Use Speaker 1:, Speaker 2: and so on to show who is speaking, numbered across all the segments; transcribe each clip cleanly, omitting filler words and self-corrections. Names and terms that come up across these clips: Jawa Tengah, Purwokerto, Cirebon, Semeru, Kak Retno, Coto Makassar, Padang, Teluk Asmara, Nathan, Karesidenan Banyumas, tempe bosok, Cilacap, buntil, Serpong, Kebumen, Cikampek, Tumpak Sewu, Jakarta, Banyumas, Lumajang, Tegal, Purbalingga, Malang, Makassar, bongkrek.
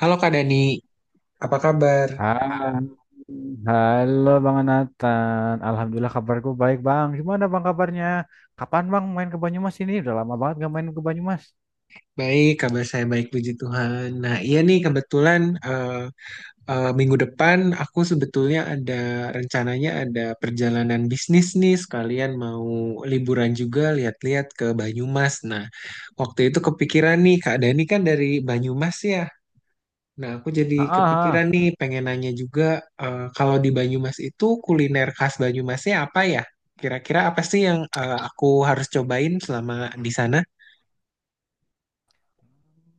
Speaker 1: Halo Kak Dani, apa kabar?
Speaker 2: Hai, halo Bang Nathan. Alhamdulillah kabarku baik Bang. Gimana Bang kabarnya? Kapan Bang main ke Banyumas ini? Udah lama banget gak main ke Banyumas.
Speaker 1: Baik, kabar saya baik, puji Tuhan. Nah iya nih, kebetulan minggu depan aku sebetulnya ada rencananya ada perjalanan bisnis nih, sekalian mau liburan juga, lihat-lihat ke Banyumas. Nah, waktu itu kepikiran nih, Kak Dani kan dari Banyumas ya. Nah aku jadi
Speaker 2: Ah, ah,
Speaker 1: kepikiran
Speaker 2: ah.
Speaker 1: nih, pengen nanya juga, kalau di Banyumas itu kuliner khas Banyumasnya apa ya? Kira-kira apa sih yang aku harus cobain selama di sana?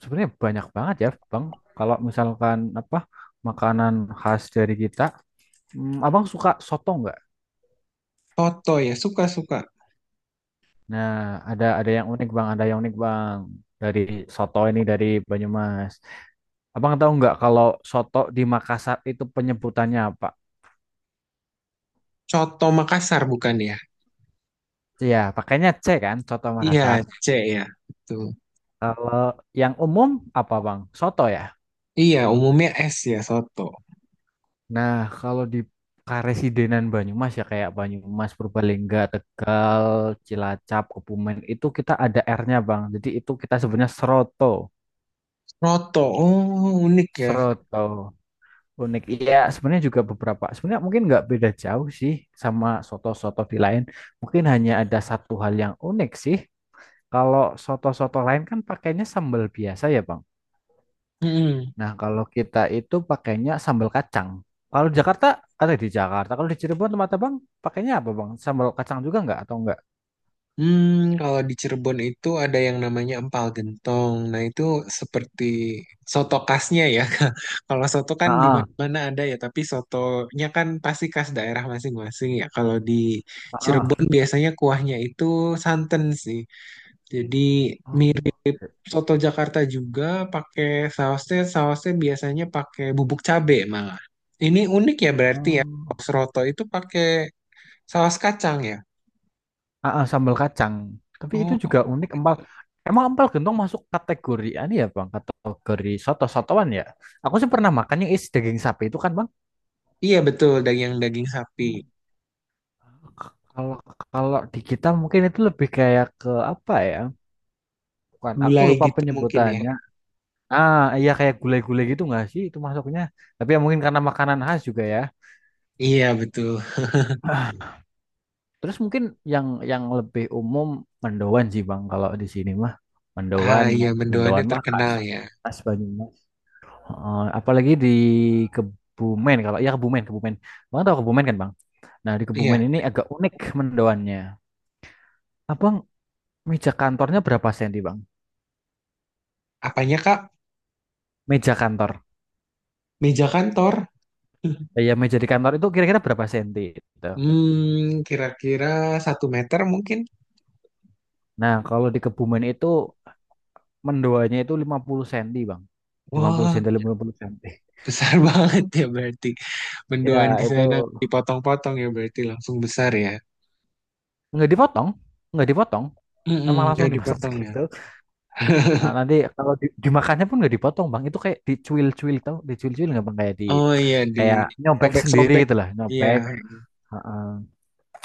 Speaker 2: Sebenarnya banyak banget ya Bang. Kalau misalkan apa makanan khas dari kita, Abang suka soto nggak?
Speaker 1: Coto ya, suka-suka.
Speaker 2: Nah, ada yang unik Bang, ada yang unik Bang dari soto ini dari Banyumas. Abang tahu nggak kalau soto di Makassar itu penyebutannya apa?
Speaker 1: Coto Makassar bukan ya?
Speaker 2: Iya, pakainya C kan, soto Makassar.
Speaker 1: Iya, C ya. Betul.
Speaker 2: Kalau yang umum apa Bang? Soto ya.
Speaker 1: Iya, umumnya S ya, soto.
Speaker 2: Nah, kalau di Karesidenan Banyumas ya kayak Banyumas, Purbalingga, Tegal, Cilacap, Kebumen itu kita ada R-nya Bang. Jadi itu kita sebenarnya seroto.
Speaker 1: Roto, oh unik ya.
Speaker 2: Seroto. Unik. Iya, sebenarnya juga beberapa. Sebenarnya mungkin nggak beda jauh sih sama soto-soto di lain. Mungkin hanya ada satu hal yang unik sih. Kalau soto-soto lain kan pakainya sambal biasa ya Bang.
Speaker 1: Mm-mm.
Speaker 2: Nah, kalau kita itu pakainya sambal kacang. Kalau di Jakarta, ada di Jakarta. Kalau di Cirebon tempat Abang pakainya apa, Bang? Sambal kacang juga nggak atau enggak?
Speaker 1: Hmm, kalau di Cirebon itu ada yang namanya empal gentong. Nah, itu seperti soto khasnya ya. Kalau soto kan di
Speaker 2: Heeh,
Speaker 1: mana-mana ada ya, tapi sotonya kan pasti khas daerah masing-masing ya. Kalau di
Speaker 2: heeh.
Speaker 1: Cirebon biasanya kuahnya itu santan sih. Jadi
Speaker 2: Oh,
Speaker 1: Soto Jakarta juga pakai sausnya, sausnya biasanya pakai bubuk cabe malah. Ini unik ya berarti ya.
Speaker 2: oh.
Speaker 1: Saus roto itu pakai saus kacang ya.
Speaker 2: Heeh, sambal kacang. Tapi itu
Speaker 1: Oh,
Speaker 2: juga unik
Speaker 1: unik
Speaker 2: empal.
Speaker 1: banget.
Speaker 2: Emang empal gentong masuk kategori ini ya, Bang? Kategori soto-sotoan ya? Aku sih pernah makan yang isi daging sapi itu kan, Bang?
Speaker 1: Iya betul, daging daging sapi.
Speaker 2: Hmm. Kalau kalau di kita mungkin itu lebih kayak ke apa ya? Bukan, aku
Speaker 1: Gulai
Speaker 2: lupa
Speaker 1: gitu mungkin ya.
Speaker 2: penyebutannya. Ah, iya kayak gulai-gulai gitu nggak sih itu masuknya? Tapi ya mungkin karena makanan khas juga ya.
Speaker 1: Iya betul.
Speaker 2: Terus mungkin yang lebih umum mendoan sih Bang kalau di sini mah.
Speaker 1: Ah
Speaker 2: Mendoan,
Speaker 1: iya, mendoannya
Speaker 2: mendoan mah khas.
Speaker 1: terkenal ya.
Speaker 2: Khas Banyumas. Heeh, apalagi di Kebumen kalau ya Kebumen, Kebumen. Bang tahu Kebumen kan, Bang? Nah, di Kebumen
Speaker 1: Iya,
Speaker 2: ini agak unik mendoannya. Abang meja kantornya berapa senti, Bang?
Speaker 1: apanya Kak?
Speaker 2: Meja kantor.
Speaker 1: Meja kantor.
Speaker 2: Ya, meja di kantor itu kira-kira berapa senti gitu.
Speaker 1: Hmm, kira-kira satu meter mungkin.
Speaker 2: Nah, kalau di Kebumen itu mendoanya itu 50 cm, Bang. 50
Speaker 1: Wah,
Speaker 2: cm, puluh cm.
Speaker 1: besar banget ya berarti.
Speaker 2: Ya,
Speaker 1: Mendoan di iya
Speaker 2: itu
Speaker 1: sana dipotong-potong ya berarti, langsung besar ya.
Speaker 2: nggak dipotong, nggak dipotong. Emang
Speaker 1: Mm-mm,
Speaker 2: langsung dimasak
Speaker 1: dipotong ya.
Speaker 2: gitu. Nah, nanti kalau dimakannya pun nggak dipotong, Bang. Itu kayak dicuil-cuil tau, dicuil-cuil nggak Bang? Kayak di
Speaker 1: Oh iya, di
Speaker 2: kayak nyobek sendiri
Speaker 1: sobek-sobek.
Speaker 2: gitu lah,
Speaker 1: Iya,
Speaker 2: nyobek. Heeh.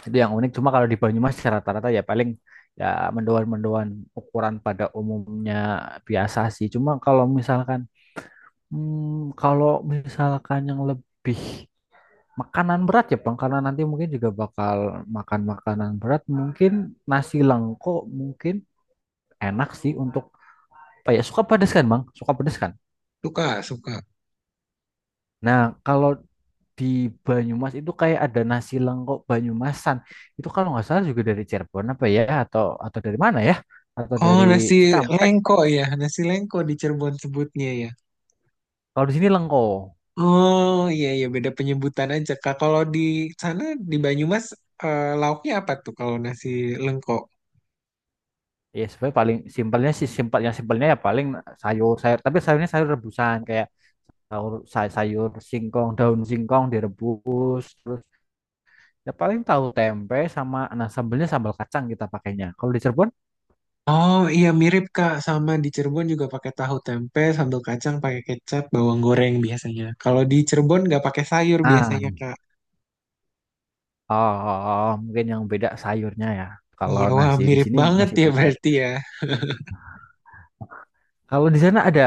Speaker 2: Itu yang unik. Cuma kalau di Banyumas ya rata-rata ya paling ya mendoan-mendoan ukuran pada umumnya biasa sih. Cuma kalau misalkan yang lebih makanan berat ya, Bang, karena nanti mungkin juga bakal makan makanan berat. Mungkin nasi lengko mungkin enak sih untuk apa ya? Suka pedes kan, Bang? Suka pedes kan?
Speaker 1: suka, suka.
Speaker 2: Nah, kalau di Banyumas itu kayak ada nasi lengko Banyumasan. Itu kalau nggak salah juga dari Cirebon apa ya? Atau dari mana ya? Atau dari
Speaker 1: Oh, nasi
Speaker 2: Cikampek.
Speaker 1: lengko ya. Nasi lengko di Cirebon sebutnya ya.
Speaker 2: Kalau di sini lengko.
Speaker 1: Oh iya iya, beda penyebutan aja Kak. Kalau di sana di Banyumas, lauknya apa tuh kalau nasi lengko?
Speaker 2: Ya, sebenarnya paling simpelnya sih simpelnya simpelnya ya paling sayur sayur. Tapi sayurnya sayur rebusan kayak sayur sayur singkong daun singkong direbus terus ya paling tahu tempe sama nah sambelnya sambal kacang kita pakainya. Kalau di Cirebon,
Speaker 1: Oh iya mirip Kak, sama di Cirebon juga pakai tahu tempe, sambal kacang, pakai kecap, bawang goreng biasanya. Kalau di Cirebon nggak pakai sayur
Speaker 2: ah,
Speaker 1: biasanya Kak.
Speaker 2: oh, oh, oh, mungkin yang beda sayurnya ya. Kalau
Speaker 1: Iya wah
Speaker 2: nasi di
Speaker 1: mirip
Speaker 2: sini
Speaker 1: banget
Speaker 2: masih
Speaker 1: ya
Speaker 2: pakai.
Speaker 1: berarti ya.
Speaker 2: Kalau di sana ada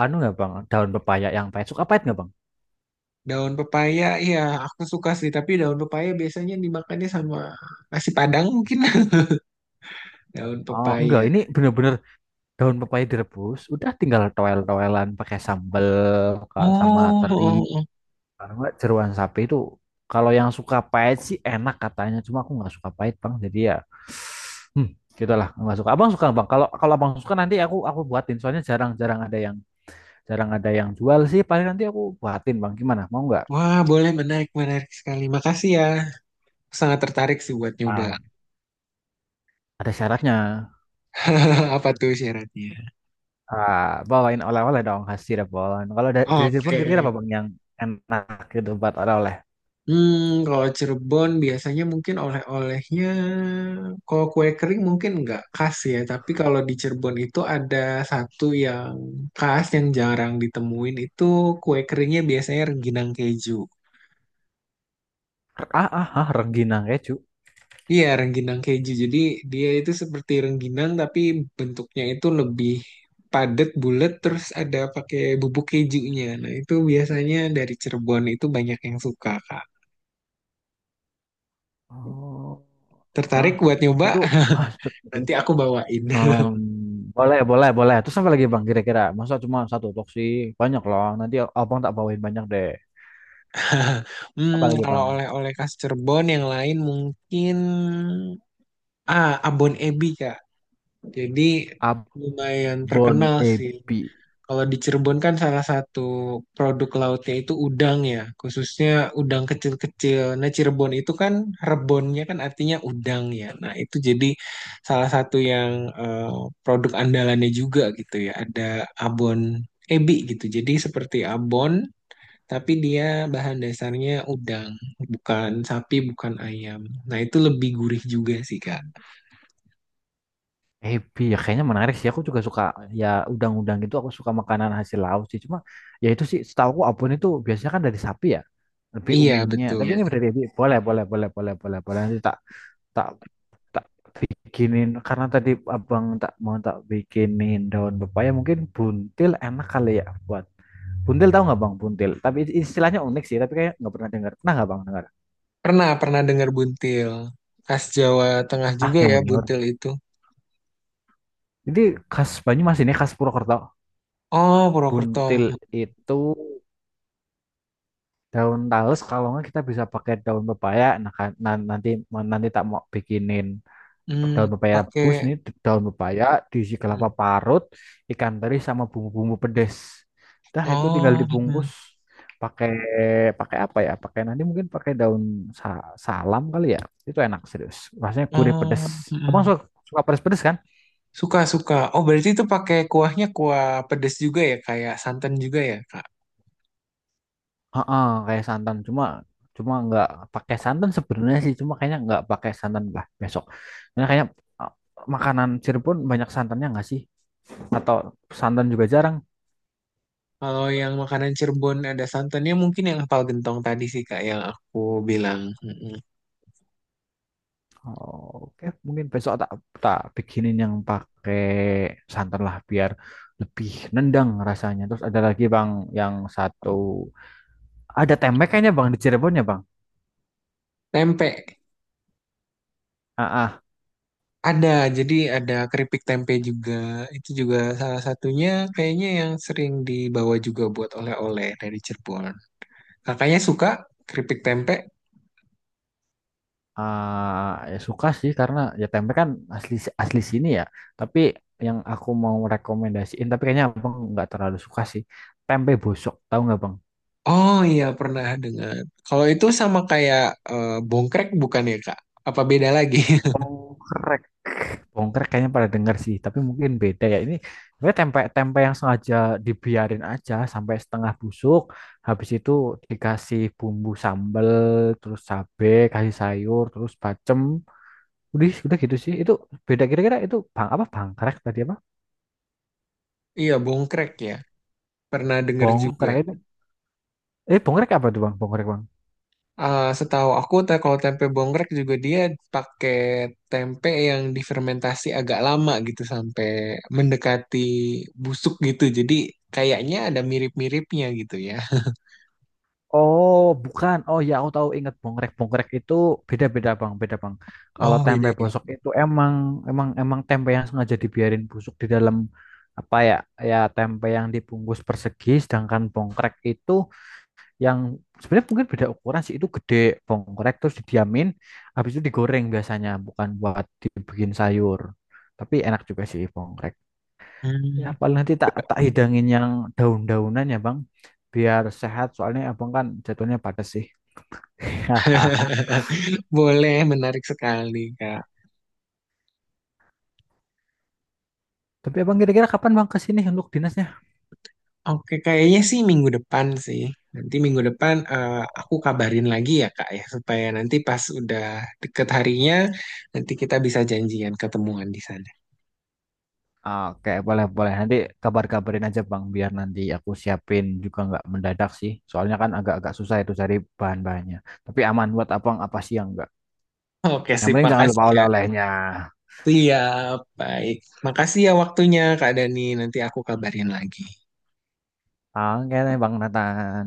Speaker 2: anu nggak Bang, daun pepaya yang pahit. Suka pahit nggak Bang?
Speaker 1: Daun pepaya iya, aku suka sih, tapi daun pepaya biasanya dimakannya sama nasi Padang mungkin. Daun
Speaker 2: Oh, enggak,
Speaker 1: pepaya.
Speaker 2: ini bener-bener daun pepaya direbus, udah tinggal toel-toelan pakai sambel sama
Speaker 1: Oh,
Speaker 2: teri.
Speaker 1: oh, oh.
Speaker 2: Karena nggak jeroan sapi itu kalau yang suka pahit sih enak katanya. Cuma aku nggak suka pahit bang. Jadi ya, hmm, gitu nggak suka. Abang suka bang. Kalau kalau abang suka nanti aku buatin. Soalnya jarang ada yang jual sih. Paling nanti aku buatin bang. Gimana? Mau nggak?
Speaker 1: Wah boleh, menarik menarik sekali. Makasih ya. Sangat tertarik sih buat nyoba.
Speaker 2: Ah, ada syaratnya.
Speaker 1: Apa tuh syaratnya?
Speaker 2: Ah, bawain oleh-oleh dong khas Cirebon. Kalau ada dari Cirebon
Speaker 1: Oke.
Speaker 2: kira-kira apa bang yang enak gitu buat oleh-oleh?
Speaker 1: Hmm, kalau Cirebon biasanya mungkin oleh-olehnya, kalau kue kering mungkin nggak khas ya, tapi kalau di Cirebon itu ada satu yang khas yang jarang ditemuin, itu kue keringnya biasanya rengginang keju.
Speaker 2: Ah, ah, ah, rengginang keju.
Speaker 1: Iya, rengginang keju. Jadi dia itu seperti rengginang tapi bentuknya itu lebih padat, bulat, terus ada pakai bubuk kejunya. Nah, itu biasanya dari Cirebon itu banyak yang suka, Kak.
Speaker 2: Oh, ah,
Speaker 1: Tertarik buat nyoba?
Speaker 2: itu khas.
Speaker 1: Nanti aku bawain.
Speaker 2: Em, Boleh, boleh, boleh. Terus apa lagi Bang kira-kira? Masa cuma satu box sih? Banyak loh. Nanti Abang tak bawain banyak deh.
Speaker 1: Hmm,
Speaker 2: Apa lagi
Speaker 1: kalau
Speaker 2: Bang?
Speaker 1: oleh-oleh khas Cirebon yang lain mungkin ah, abon ebi Kak. Jadi lumayan
Speaker 2: Abon
Speaker 1: terkenal sih.
Speaker 2: Ebi.
Speaker 1: Kalau di Cirebon kan salah satu produk lautnya itu udang ya, khususnya udang kecil-kecil. Nah, Cirebon itu kan rebonnya kan artinya udang ya. Nah, itu jadi salah satu yang eh, produk andalannya juga gitu ya. Ada abon ebi gitu. Jadi seperti abon tapi dia bahan dasarnya udang, bukan sapi, bukan ayam. Nah, itu lebih gurih juga sih, Kak.
Speaker 2: Ebi ya kayaknya menarik sih. Aku juga suka ya udang-udang gitu. Aku suka makanan hasil laut sih. Cuma ya itu sih setahu aku abon itu biasanya kan dari sapi ya. Lebih
Speaker 1: Iya,
Speaker 2: umumnya.
Speaker 1: betul.
Speaker 2: Tapi
Speaker 1: Iya.
Speaker 2: ini dari ebi. Boleh, boleh, boleh, boleh, boleh, boleh. Nanti tak tak tak bikinin karena tadi Abang tak mau tak bikinin daun pepaya mungkin buntil enak kali ya buat buntil tahu nggak bang? Buntil. Tapi istilahnya unik sih. Tapi kayak nggak pernah dengar. Pernah nggak bang dengar?
Speaker 1: Pernah, pernah dengar buntil. Khas Jawa Tengah
Speaker 2: Ah
Speaker 1: juga
Speaker 2: yang
Speaker 1: ya,
Speaker 2: benar.
Speaker 1: buntil itu.
Speaker 2: Jadi khas Banyumas ini khas Purwokerto.
Speaker 1: Oh, Purwokerto.
Speaker 2: Buntil
Speaker 1: Mm,
Speaker 2: itu daun talus. Kalau nggak kita bisa pakai daun pepaya. Nah, kan- nan- nanti nanti tak mau bikinin
Speaker 1: mm,
Speaker 2: daun pepaya rebus
Speaker 1: pakai.
Speaker 2: ini daun pepaya diisi kelapa
Speaker 1: Mm.
Speaker 2: parut ikan teri sama bumbu-bumbu pedes dah itu tinggal
Speaker 1: Oh, mm,
Speaker 2: dibungkus pakai pakai apa ya pakai nanti mungkin pakai daun salam kali ya itu enak serius rasanya gurih pedes
Speaker 1: oh,
Speaker 2: abang
Speaker 1: mm.
Speaker 2: suka suka pedes pedes kan.
Speaker 1: Suka, suka. Oh, berarti itu pakai kuahnya kuah pedas juga ya, kayak santan juga ya, Kak.
Speaker 2: Heeh, kayak santan cuma cuma nggak pakai santan sebenarnya sih cuma kayaknya nggak pakai santan lah besok karena kayaknya uh, makanan Cirebon banyak santannya nggak sih atau santan juga jarang.
Speaker 1: Kalau yang makanan Cirebon ada santannya mungkin yang empal gentong tadi sih, Kak, yang aku bilang.
Speaker 2: Oh, oke, mungkin besok tak tak bikinin yang pakai santan lah biar lebih nendang rasanya. Terus ada lagi Bang yang satu ada tempe kayaknya Bang di Cirebon ya Bang.
Speaker 1: Tempe
Speaker 2: Ah, ah,
Speaker 1: ada, jadi ada keripik tempe juga. Itu juga salah satunya kayaknya yang sering dibawa juga buat oleh-oleh dari Cirebon. Kakaknya suka keripik tempe?
Speaker 2: ah, ya suka sih karena ya tempe kan asli asli sini ya. Tapi yang aku mau rekomendasiin tapi kayaknya Bang nggak terlalu suka sih. Tempe bosok, tahu nggak Bang?
Speaker 1: Oh iya pernah dengar. Kalau itu sama kayak bongkrek bukan ya Kak? Apa beda lagi?
Speaker 2: Oh, bongkar kayaknya pada dengar sih, tapi mungkin beda ya. Ini sebenarnya tempe tempe yang sengaja dibiarin aja sampai setengah busuk, habis itu dikasih bumbu sambal, terus cabe, kasih sayur, terus bacem. Udah gitu sih. Itu beda kira-kira itu bang apa bangkrek tadi apa?
Speaker 1: Iya bongkrek ya. Pernah dengar juga.
Speaker 2: Bongkrek itu. Eh, bongkrek apa tuh bang? Bongkrek bang.
Speaker 1: Ah, setahu aku teh kalau tempe bongkrek juga dia pakai tempe yang difermentasi agak lama gitu sampai mendekati busuk gitu. Jadi kayaknya ada mirip-miripnya gitu ya.
Speaker 2: Oh, bukan. Oh ya, aku tahu ingat bongrek bongrek itu beda-beda, Bang. Beda, Bang. Kalau
Speaker 1: Oh, beda
Speaker 2: tempe
Speaker 1: ya.
Speaker 2: bosok itu emang emang emang tempe yang sengaja dibiarin busuk di dalam apa ya? Ya tempe yang dibungkus persegi, sedangkan bongkrek itu yang sebenarnya mungkin beda ukuran sih. Itu gede bongkrek terus didiamin, habis itu digoreng biasanya, bukan buat dibikin sayur. Tapi enak juga sih bongkrek. Ya
Speaker 1: Hmm,
Speaker 2: paling nanti tak tak hidangin yang daun-daunan ya, Bang. Biar sehat, soalnya abang kan jatuhnya padat sih. Haha.
Speaker 1: boleh, menarik sekali, Kak.
Speaker 2: Tapi abang kira-kira kapan bang ke sini untuk dinasnya?
Speaker 1: Oke, kayaknya sih minggu depan sih. Nanti minggu depan aku kabarin lagi ya, Kak, ya supaya nanti pas udah deket harinya nanti kita bisa janjian ketemuan di sana.
Speaker 2: Oke, boleh boleh. Nanti kabar-kabarin aja bang, biar nanti aku siapin juga nggak mendadak sih. Soalnya kan agak-agak susah itu cari bahan-bahannya. Tapi aman buat abang apa sih yang enggak.
Speaker 1: Oke,
Speaker 2: Yang
Speaker 1: sip,
Speaker 2: penting jangan lupa
Speaker 1: makasih ya.
Speaker 2: oleh-olehnya.
Speaker 1: Siap, baik. Makasih ya waktunya, Kak Dani. Nanti aku kabarin lagi.
Speaker 2: Oke, deh, bang Nathan.